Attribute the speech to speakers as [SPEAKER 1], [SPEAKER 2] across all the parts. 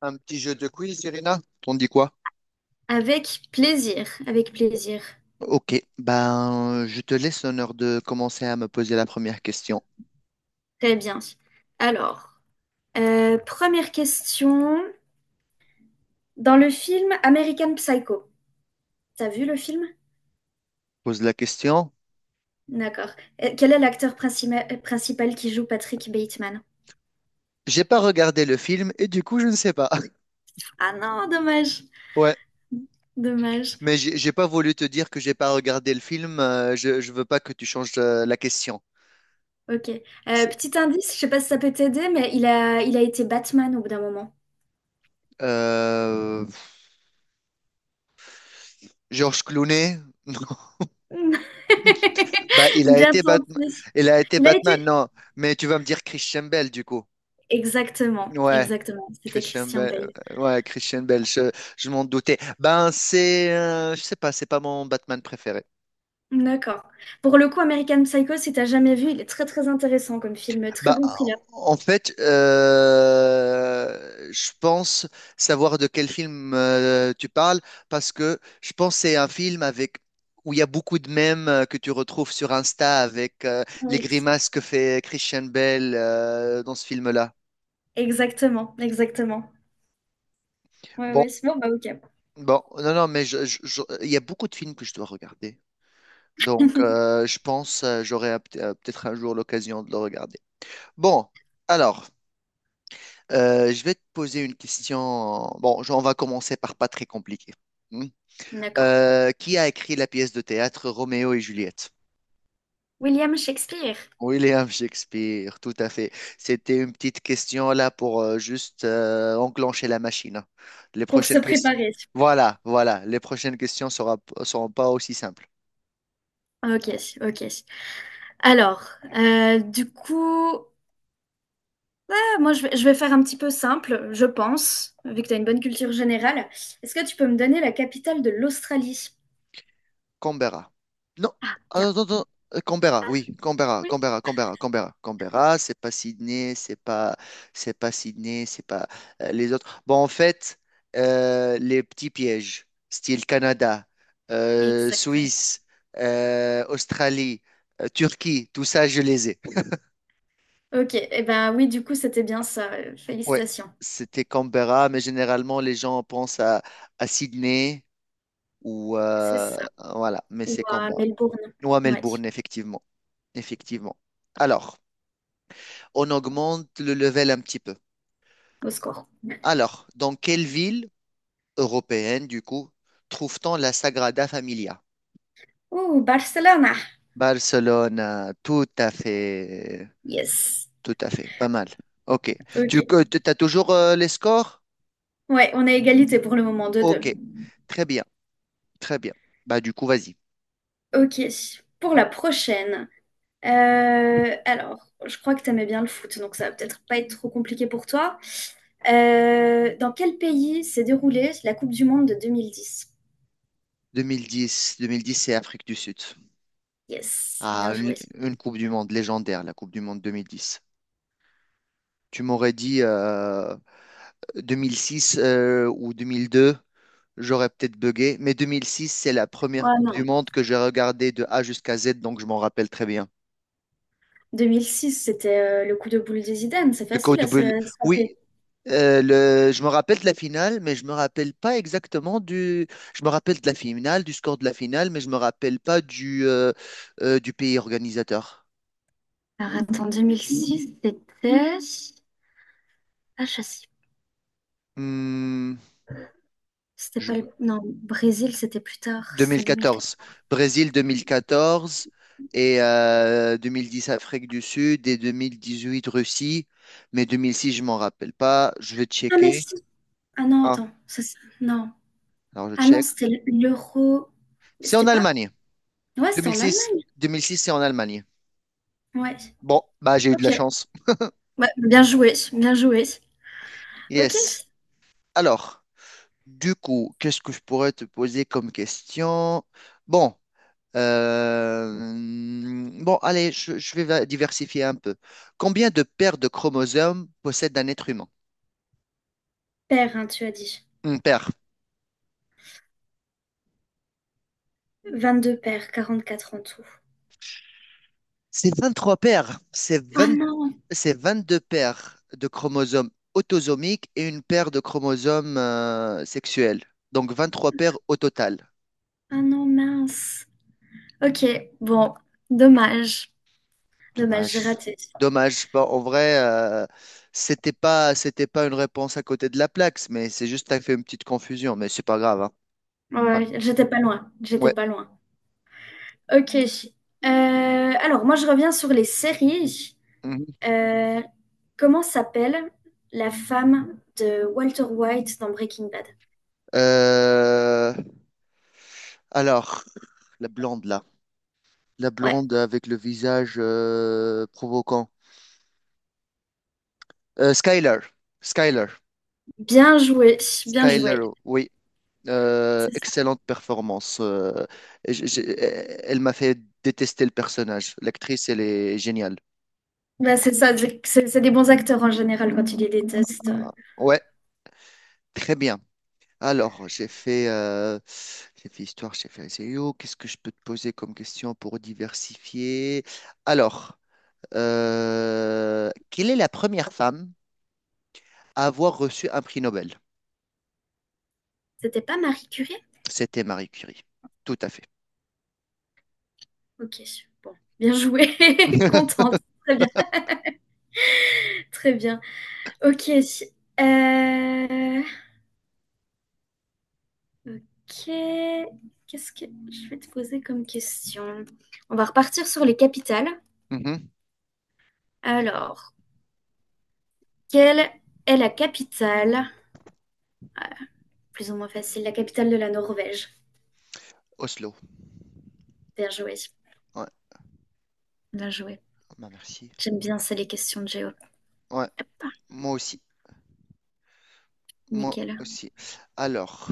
[SPEAKER 1] Un petit jeu de quiz, Irina? T'en dis quoi?
[SPEAKER 2] Avec plaisir, avec plaisir.
[SPEAKER 1] Ok, ben je te laisse l'honneur de commencer à me poser la première question.
[SPEAKER 2] Très bien. Alors, première question. Dans le film American Psycho, t'as vu le film?
[SPEAKER 1] Pose la question.
[SPEAKER 2] D'accord. Quel est l'acteur principal qui joue Patrick Bateman?
[SPEAKER 1] J'ai pas regardé le film et du coup je ne sais pas.
[SPEAKER 2] Ah non, dommage.
[SPEAKER 1] Ouais,
[SPEAKER 2] Dommage.
[SPEAKER 1] mais j'ai pas voulu te dire que j'ai pas regardé le film. Je veux pas que tu changes la question.
[SPEAKER 2] Ok.
[SPEAKER 1] C'est-
[SPEAKER 2] Petit indice, je sais pas si ça peut t'aider, mais il a été Batman au bout d'un moment.
[SPEAKER 1] Euh, Georges Clooney? Non. Bah il a
[SPEAKER 2] Bien
[SPEAKER 1] été Batman.
[SPEAKER 2] tenté.
[SPEAKER 1] Il a été
[SPEAKER 2] Il a
[SPEAKER 1] Batman,
[SPEAKER 2] été...
[SPEAKER 1] non. Mais tu vas me dire Christian Bale du coup.
[SPEAKER 2] Exactement,
[SPEAKER 1] Ouais.
[SPEAKER 2] exactement. C'était
[SPEAKER 1] Christian
[SPEAKER 2] Christian
[SPEAKER 1] Bale,
[SPEAKER 2] Bale.
[SPEAKER 1] ouais, Christian Bale, je m'en doutais. Ben, c'est, je sais pas, c'est pas mon Batman préféré.
[SPEAKER 2] D'accord. Pour le coup, American Psycho, si t'as jamais vu, il est très très intéressant comme film, très
[SPEAKER 1] Bah,
[SPEAKER 2] bon thriller.
[SPEAKER 1] en en fait, je pense savoir de quel film tu parles, parce que je pense que c'est un film avec, où il y a beaucoup de mèmes que tu retrouves sur Insta avec les
[SPEAKER 2] Oui,
[SPEAKER 1] grimaces que fait Christian Bale dans ce film-là.
[SPEAKER 2] exactement, exactement. Ouais,
[SPEAKER 1] Bon,
[SPEAKER 2] ouais, c'est bon, bah ok.
[SPEAKER 1] bon, non, non, mais il y a beaucoup de films que je dois regarder. Donc, je pense j'aurai peut-être un jour l'occasion de le regarder. Bon, alors, je vais te poser une question. Bon, on va commencer par pas très compliqué. Hmm.
[SPEAKER 2] D'accord.
[SPEAKER 1] Qui a écrit la pièce de théâtre Roméo et Juliette?
[SPEAKER 2] William Shakespeare,
[SPEAKER 1] William Shakespeare, tout à fait. C'était une petite question là pour juste enclencher la machine. Les
[SPEAKER 2] pour se
[SPEAKER 1] prochaines questions.
[SPEAKER 2] préparer.
[SPEAKER 1] Voilà, voilà. Les seront pas aussi simples.
[SPEAKER 2] Ok, ok. Alors, du coup, ah, je vais faire un petit peu simple, je pense, vu que tu as une bonne culture générale. Est-ce que tu peux me donner la capitale de l'Australie?
[SPEAKER 1] Canberra. Non,
[SPEAKER 2] Ah, bien.
[SPEAKER 1] attends, attends, attends. Canberra, oui, Canberra,
[SPEAKER 2] Oui,
[SPEAKER 1] Canberra, Canberra, Canberra, Canberra, c'est pas Sydney, c'est pas Sydney, c'est pas les autres. Bon, en fait, les petits pièges, style Canada,
[SPEAKER 2] exactement.
[SPEAKER 1] Suisse, Australie, Turquie, tout ça, je les ai.
[SPEAKER 2] Ok, et ben oui, du coup, c'était bien ça. Euh,
[SPEAKER 1] Ouais,
[SPEAKER 2] félicitations.
[SPEAKER 1] c'était Canberra, mais généralement, les gens pensent à Sydney ou
[SPEAKER 2] C'est ça.
[SPEAKER 1] voilà, mais c'est Canberra.
[SPEAKER 2] وملبورن
[SPEAKER 1] Ou à
[SPEAKER 2] ouais
[SPEAKER 1] Melbourne, effectivement, effectivement. Alors, on augmente le level un petit peu.
[SPEAKER 2] au score
[SPEAKER 1] Alors, dans quelle ville européenne, du coup, trouve-t-on la Sagrada Familia?
[SPEAKER 2] oh Barcelona
[SPEAKER 1] Barcelone,
[SPEAKER 2] yes
[SPEAKER 1] tout à fait, pas mal. Ok. Tu
[SPEAKER 2] ok
[SPEAKER 1] as toujours les scores?
[SPEAKER 2] ouais on a égalité pour le moment deux deux.
[SPEAKER 1] Ok, très bien, très bien. Bah, du coup, vas-y.
[SPEAKER 2] Ok pour la prochaine, alors je crois que t'aimais bien le foot donc ça va peut-être pas être trop compliqué pour toi. Dans quel pays s'est déroulée la Coupe du Monde de 2010?
[SPEAKER 1] 2010, 2010, c'est Afrique du Sud.
[SPEAKER 2] Yes,
[SPEAKER 1] Ah,
[SPEAKER 2] bien joué.
[SPEAKER 1] une Coupe du Monde légendaire, la Coupe du Monde 2010. Tu m'aurais dit 2006 ou 2002, j'aurais peut-être bugué, mais 2006, c'est la première
[SPEAKER 2] Ouais,
[SPEAKER 1] Coupe du
[SPEAKER 2] non.
[SPEAKER 1] Monde que j'ai regardée de A jusqu'à Z, donc je m'en rappelle très bien.
[SPEAKER 2] 2006, c'était le coup de boule de Zidane. C'est
[SPEAKER 1] De quoi
[SPEAKER 2] facile à
[SPEAKER 1] double
[SPEAKER 2] se rappeler.
[SPEAKER 1] Oui, je me rappelle de la finale, mais je me rappelle pas exactement du. Je me rappelle de la finale, du score de la finale, mais je me rappelle pas du, du pays organisateur.
[SPEAKER 2] Alors attends, 2006, c'était... Ah, je sais.
[SPEAKER 1] Hmm,
[SPEAKER 2] C'était
[SPEAKER 1] je-
[SPEAKER 2] pas le... Non, Brésil, c'était plus tard. C'était 2004.
[SPEAKER 1] 2014. Brésil 2014 et 2010 Afrique du Sud et 2018 Russie. Mais 2006, je m'en rappelle pas. Je vais
[SPEAKER 2] Ah, mais
[SPEAKER 1] checker.
[SPEAKER 2] si. Ah non,
[SPEAKER 1] Ah,
[SPEAKER 2] attends. Ça, c'est- non.
[SPEAKER 1] alors je
[SPEAKER 2] Ah non,
[SPEAKER 1] check.
[SPEAKER 2] c'était l'euro.
[SPEAKER 1] C'est en
[SPEAKER 2] C'était pas...
[SPEAKER 1] Allemagne.
[SPEAKER 2] Ouais, c'était en
[SPEAKER 1] 2006,
[SPEAKER 2] Allemagne.
[SPEAKER 1] 2006, c'est en Allemagne.
[SPEAKER 2] Ouais.
[SPEAKER 1] Bon, bah j'ai eu de la
[SPEAKER 2] Ok.
[SPEAKER 1] chance.
[SPEAKER 2] Ouais, bien joué. Bien joué. Ok.
[SPEAKER 1] Yes. Alors, du coup, qu'est-ce que je pourrais te poser comme question? Bon, bon, allez, je, diversifier un peu. Combien de paires de chromosomes possède un être humain?
[SPEAKER 2] Paire, hein, tu as dit.
[SPEAKER 1] Une paire.
[SPEAKER 2] 22 paires, 44 en tout.
[SPEAKER 1] C'est 23 paires.
[SPEAKER 2] Ah non.
[SPEAKER 1] C'est 22 paires de chromosomes autosomiques et une paire de chromosomes sexuels. Donc 23 paires au total.
[SPEAKER 2] Ah non, mince. Ok. Bon. Dommage. Dommage, j'ai
[SPEAKER 1] Dommage.
[SPEAKER 2] raté.
[SPEAKER 1] Dommage. Bon, en vrai, c'était pas une réponse à côté de la plaque, mais c'est juste que t'as fait une petite confusion, mais c'est pas grave, hein. Ouais.
[SPEAKER 2] Ouais, j'étais pas loin. J'étais
[SPEAKER 1] Ouais.
[SPEAKER 2] pas loin. Ok. Alors, moi, je reviens sur les séries.
[SPEAKER 1] Mhm.
[SPEAKER 2] Euh, comment s'appelle la femme de Walter White dans Breaking Bad?
[SPEAKER 1] Euh, alors, la blonde là. La
[SPEAKER 2] Ouais,
[SPEAKER 1] blonde avec le visage provoquant. Skyler. Skyler.
[SPEAKER 2] bien joué, bien
[SPEAKER 1] Skyler,
[SPEAKER 2] joué.
[SPEAKER 1] oui.
[SPEAKER 2] C'est ça.
[SPEAKER 1] Excellente performance. Elle m'a fait détester le personnage. L'actrice, elle est géniale.
[SPEAKER 2] Bah, c'est ça, c'est des bons acteurs en général quand ils les détestent.
[SPEAKER 1] Ah, ouais, très bien. Alors, j'ai fait histoire, j'ai fait SEO. Qu'est-ce que je peux te poser comme question pour diversifier? Alors, quelle est la première femme à avoir reçu un prix Nobel?
[SPEAKER 2] C'était pas Marie Curie?
[SPEAKER 1] C'était Marie Curie. Tout à fait.
[SPEAKER 2] Ok, bon, bien joué, contente. Très bien, très bien. Ok, euh, ok. Qu'est-ce que je vais te poser comme question? On va repartir sur les capitales.
[SPEAKER 1] Mhm.
[SPEAKER 2] Alors, quelle est la capitale? Plus ou moins facile. La capitale de la Norvège.
[SPEAKER 1] Oslo.
[SPEAKER 2] Bien joué.
[SPEAKER 1] Ouais,
[SPEAKER 2] Bien joué.
[SPEAKER 1] bah merci.
[SPEAKER 2] J'aime bien, c'est les questions de géo.
[SPEAKER 1] Ouais,
[SPEAKER 2] Hop,
[SPEAKER 1] moi aussi. Moi
[SPEAKER 2] nickel.
[SPEAKER 1] aussi. Alors,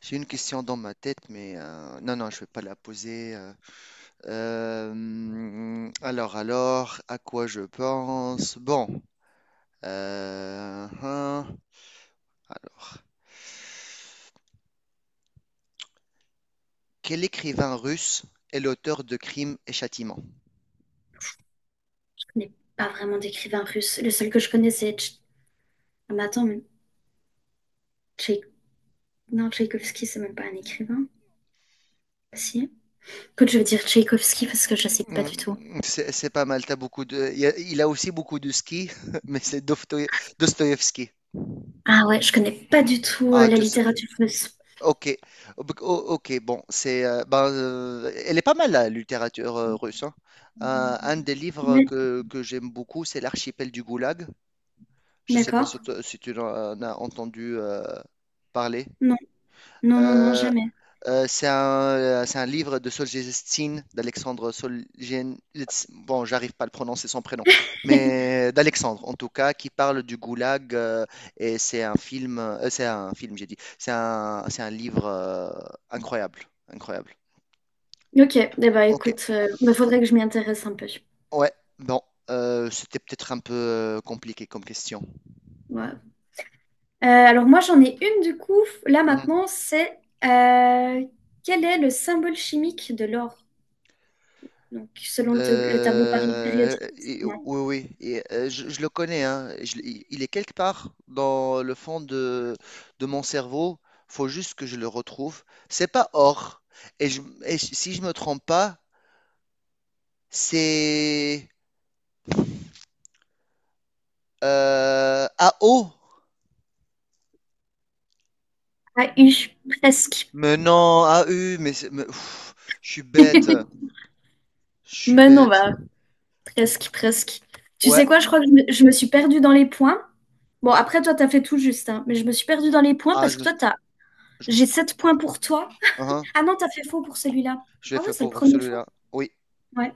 [SPEAKER 1] j'ai une question dans ma tête, mais non, non, je vais pas la poser. Alors, à quoi je pense? Bon, hein, alors, quel écrivain russe est l'auteur de Crimes et Châtiments?
[SPEAKER 2] Je connais pas vraiment d'écrivain russe. Le seul que je connais, c'est... Tch- Ah, mais attends, mais Tchaï- non, Tchaïkovski, c'est même pas un écrivain. Si. Écoute, je vais dire Tchaïkovski parce que je sais pas du tout.
[SPEAKER 1] C'est pas mal. T'as beaucoup de. Il y a, il a aussi beaucoup de ski, mais c'est Dostoïevski.
[SPEAKER 2] Ah ouais, je connais pas du tout
[SPEAKER 1] Ah,
[SPEAKER 2] la
[SPEAKER 1] tu
[SPEAKER 2] littérature russe.
[SPEAKER 1] Ok, Oh, bec- oh, Ok, bon, c'est, ben, elle est pas mal la littérature russe, hein. Un des livres
[SPEAKER 2] Ouais,
[SPEAKER 1] que j'aime beaucoup, c'est L'archipel du Goulag. Je sais pas si,
[SPEAKER 2] d'accord.
[SPEAKER 1] tu si tu en as entendu parler.
[SPEAKER 2] Non, non, non, non,
[SPEAKER 1] Euh,
[SPEAKER 2] jamais.
[SPEAKER 1] c'est un livre de Solzhenitsyn, d'Alexandre Solzhenitsyn. Bon, j'arrive pas à le prononcer son prénom, mais d'Alexandre en tout cas, qui parle du goulag. Et c'est un film, j'ai dit. C'est un livre incroyable, incroyable.
[SPEAKER 2] Ok, eh ben,
[SPEAKER 1] Ok,
[SPEAKER 2] écoute, il faudrait que je m'y intéresse un peu.
[SPEAKER 1] ouais, bon, c'était peut-être un peu compliqué comme question.
[SPEAKER 2] Ouais, alors moi j'en ai une du coup, là maintenant, c'est quel est le symbole chimique de l'or? Donc selon le tableau périodique des éléments.
[SPEAKER 1] Oui, oui, et, je le connais, hein. Il est quelque part dans le fond de mon cerveau. Faut juste que je le retrouve. C'est pas or. Et, si je me trompe pas, c'est A O.
[SPEAKER 2] AU, presque.
[SPEAKER 1] Mais non, AU. Mais, mais, pff, je suis bête. Je suis
[SPEAKER 2] Mais non,
[SPEAKER 1] bête.
[SPEAKER 2] bah, presque, presque. Tu
[SPEAKER 1] Ouais.
[SPEAKER 2] sais quoi, je crois que je me suis perdue dans les points. Bon, après toi t'as fait tout juste, hein, mais je me suis perdue dans les points
[SPEAKER 1] Ah,
[SPEAKER 2] parce que toi t'as...
[SPEAKER 1] je me
[SPEAKER 2] J'ai
[SPEAKER 1] suis trompé.
[SPEAKER 2] 7 points pour toi.
[SPEAKER 1] Hein,
[SPEAKER 2] Ah non, t'as fait faux pour celui-là.
[SPEAKER 1] je l'ai
[SPEAKER 2] Ah ouais,
[SPEAKER 1] fait
[SPEAKER 2] c'est le
[SPEAKER 1] faux pour
[SPEAKER 2] premier faux.
[SPEAKER 1] celui-là. Oui.
[SPEAKER 2] Ouais.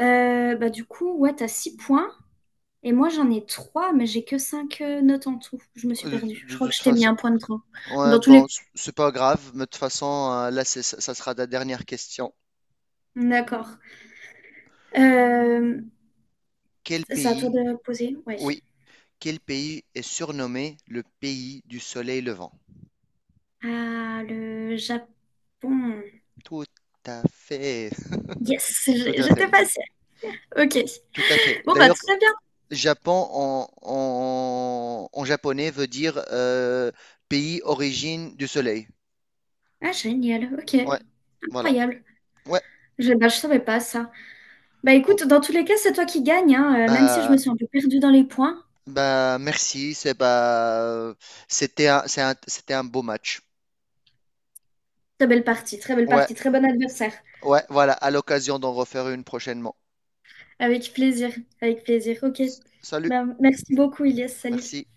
[SPEAKER 2] Bah du coup, ouais, t'as 6 points. Et moi, j'en ai 3, mais j'ai que 5 notes en tout. Je me suis perdue. Je
[SPEAKER 1] De
[SPEAKER 2] crois que
[SPEAKER 1] toute
[SPEAKER 2] je t'ai mis
[SPEAKER 1] façon.
[SPEAKER 2] un point de trop.
[SPEAKER 1] Ouais,
[SPEAKER 2] Dans tous
[SPEAKER 1] bon,
[SPEAKER 2] les...
[SPEAKER 1] c'est pas grave, mais de toute façon, là, ça sera ta dernière question.
[SPEAKER 2] D'accord. Euh,
[SPEAKER 1] Quel
[SPEAKER 2] c'est à toi
[SPEAKER 1] pays,
[SPEAKER 2] de poser. Ouais.
[SPEAKER 1] oui, quel pays est surnommé le pays du soleil levant?
[SPEAKER 2] Ah, le Japon.
[SPEAKER 1] Tout à fait,
[SPEAKER 2] Yes,
[SPEAKER 1] tout
[SPEAKER 2] j'ai-
[SPEAKER 1] à
[SPEAKER 2] j'étais
[SPEAKER 1] fait,
[SPEAKER 2] passée. Ok.
[SPEAKER 1] tout à fait.
[SPEAKER 2] Bon, bah,
[SPEAKER 1] D'ailleurs,
[SPEAKER 2] très bien.
[SPEAKER 1] Japon en, en japonais veut dire pays origine du soleil.
[SPEAKER 2] Ah, génial. Ok.
[SPEAKER 1] Ouais, voilà.
[SPEAKER 2] Incroyable.
[SPEAKER 1] Ouais,
[SPEAKER 2] Je, bah, je savais pas ça. Bah,
[SPEAKER 1] bon,
[SPEAKER 2] écoute, dans tous les cas, c'est toi qui gagne, hein, même si je
[SPEAKER 1] bah,
[SPEAKER 2] me suis un peu perdue dans les points.
[SPEAKER 1] bah, merci, c'est bah, c'était un, c'était un beau match.
[SPEAKER 2] Très belle partie, très belle
[SPEAKER 1] Ouais.
[SPEAKER 2] partie, très bon adversaire.
[SPEAKER 1] Ouais, voilà, à l'occasion d'en refaire une prochainement.
[SPEAKER 2] Avec plaisir, avec plaisir. Ok.
[SPEAKER 1] Salut,
[SPEAKER 2] Bah, merci beaucoup, Ilyes. Salut.
[SPEAKER 1] merci.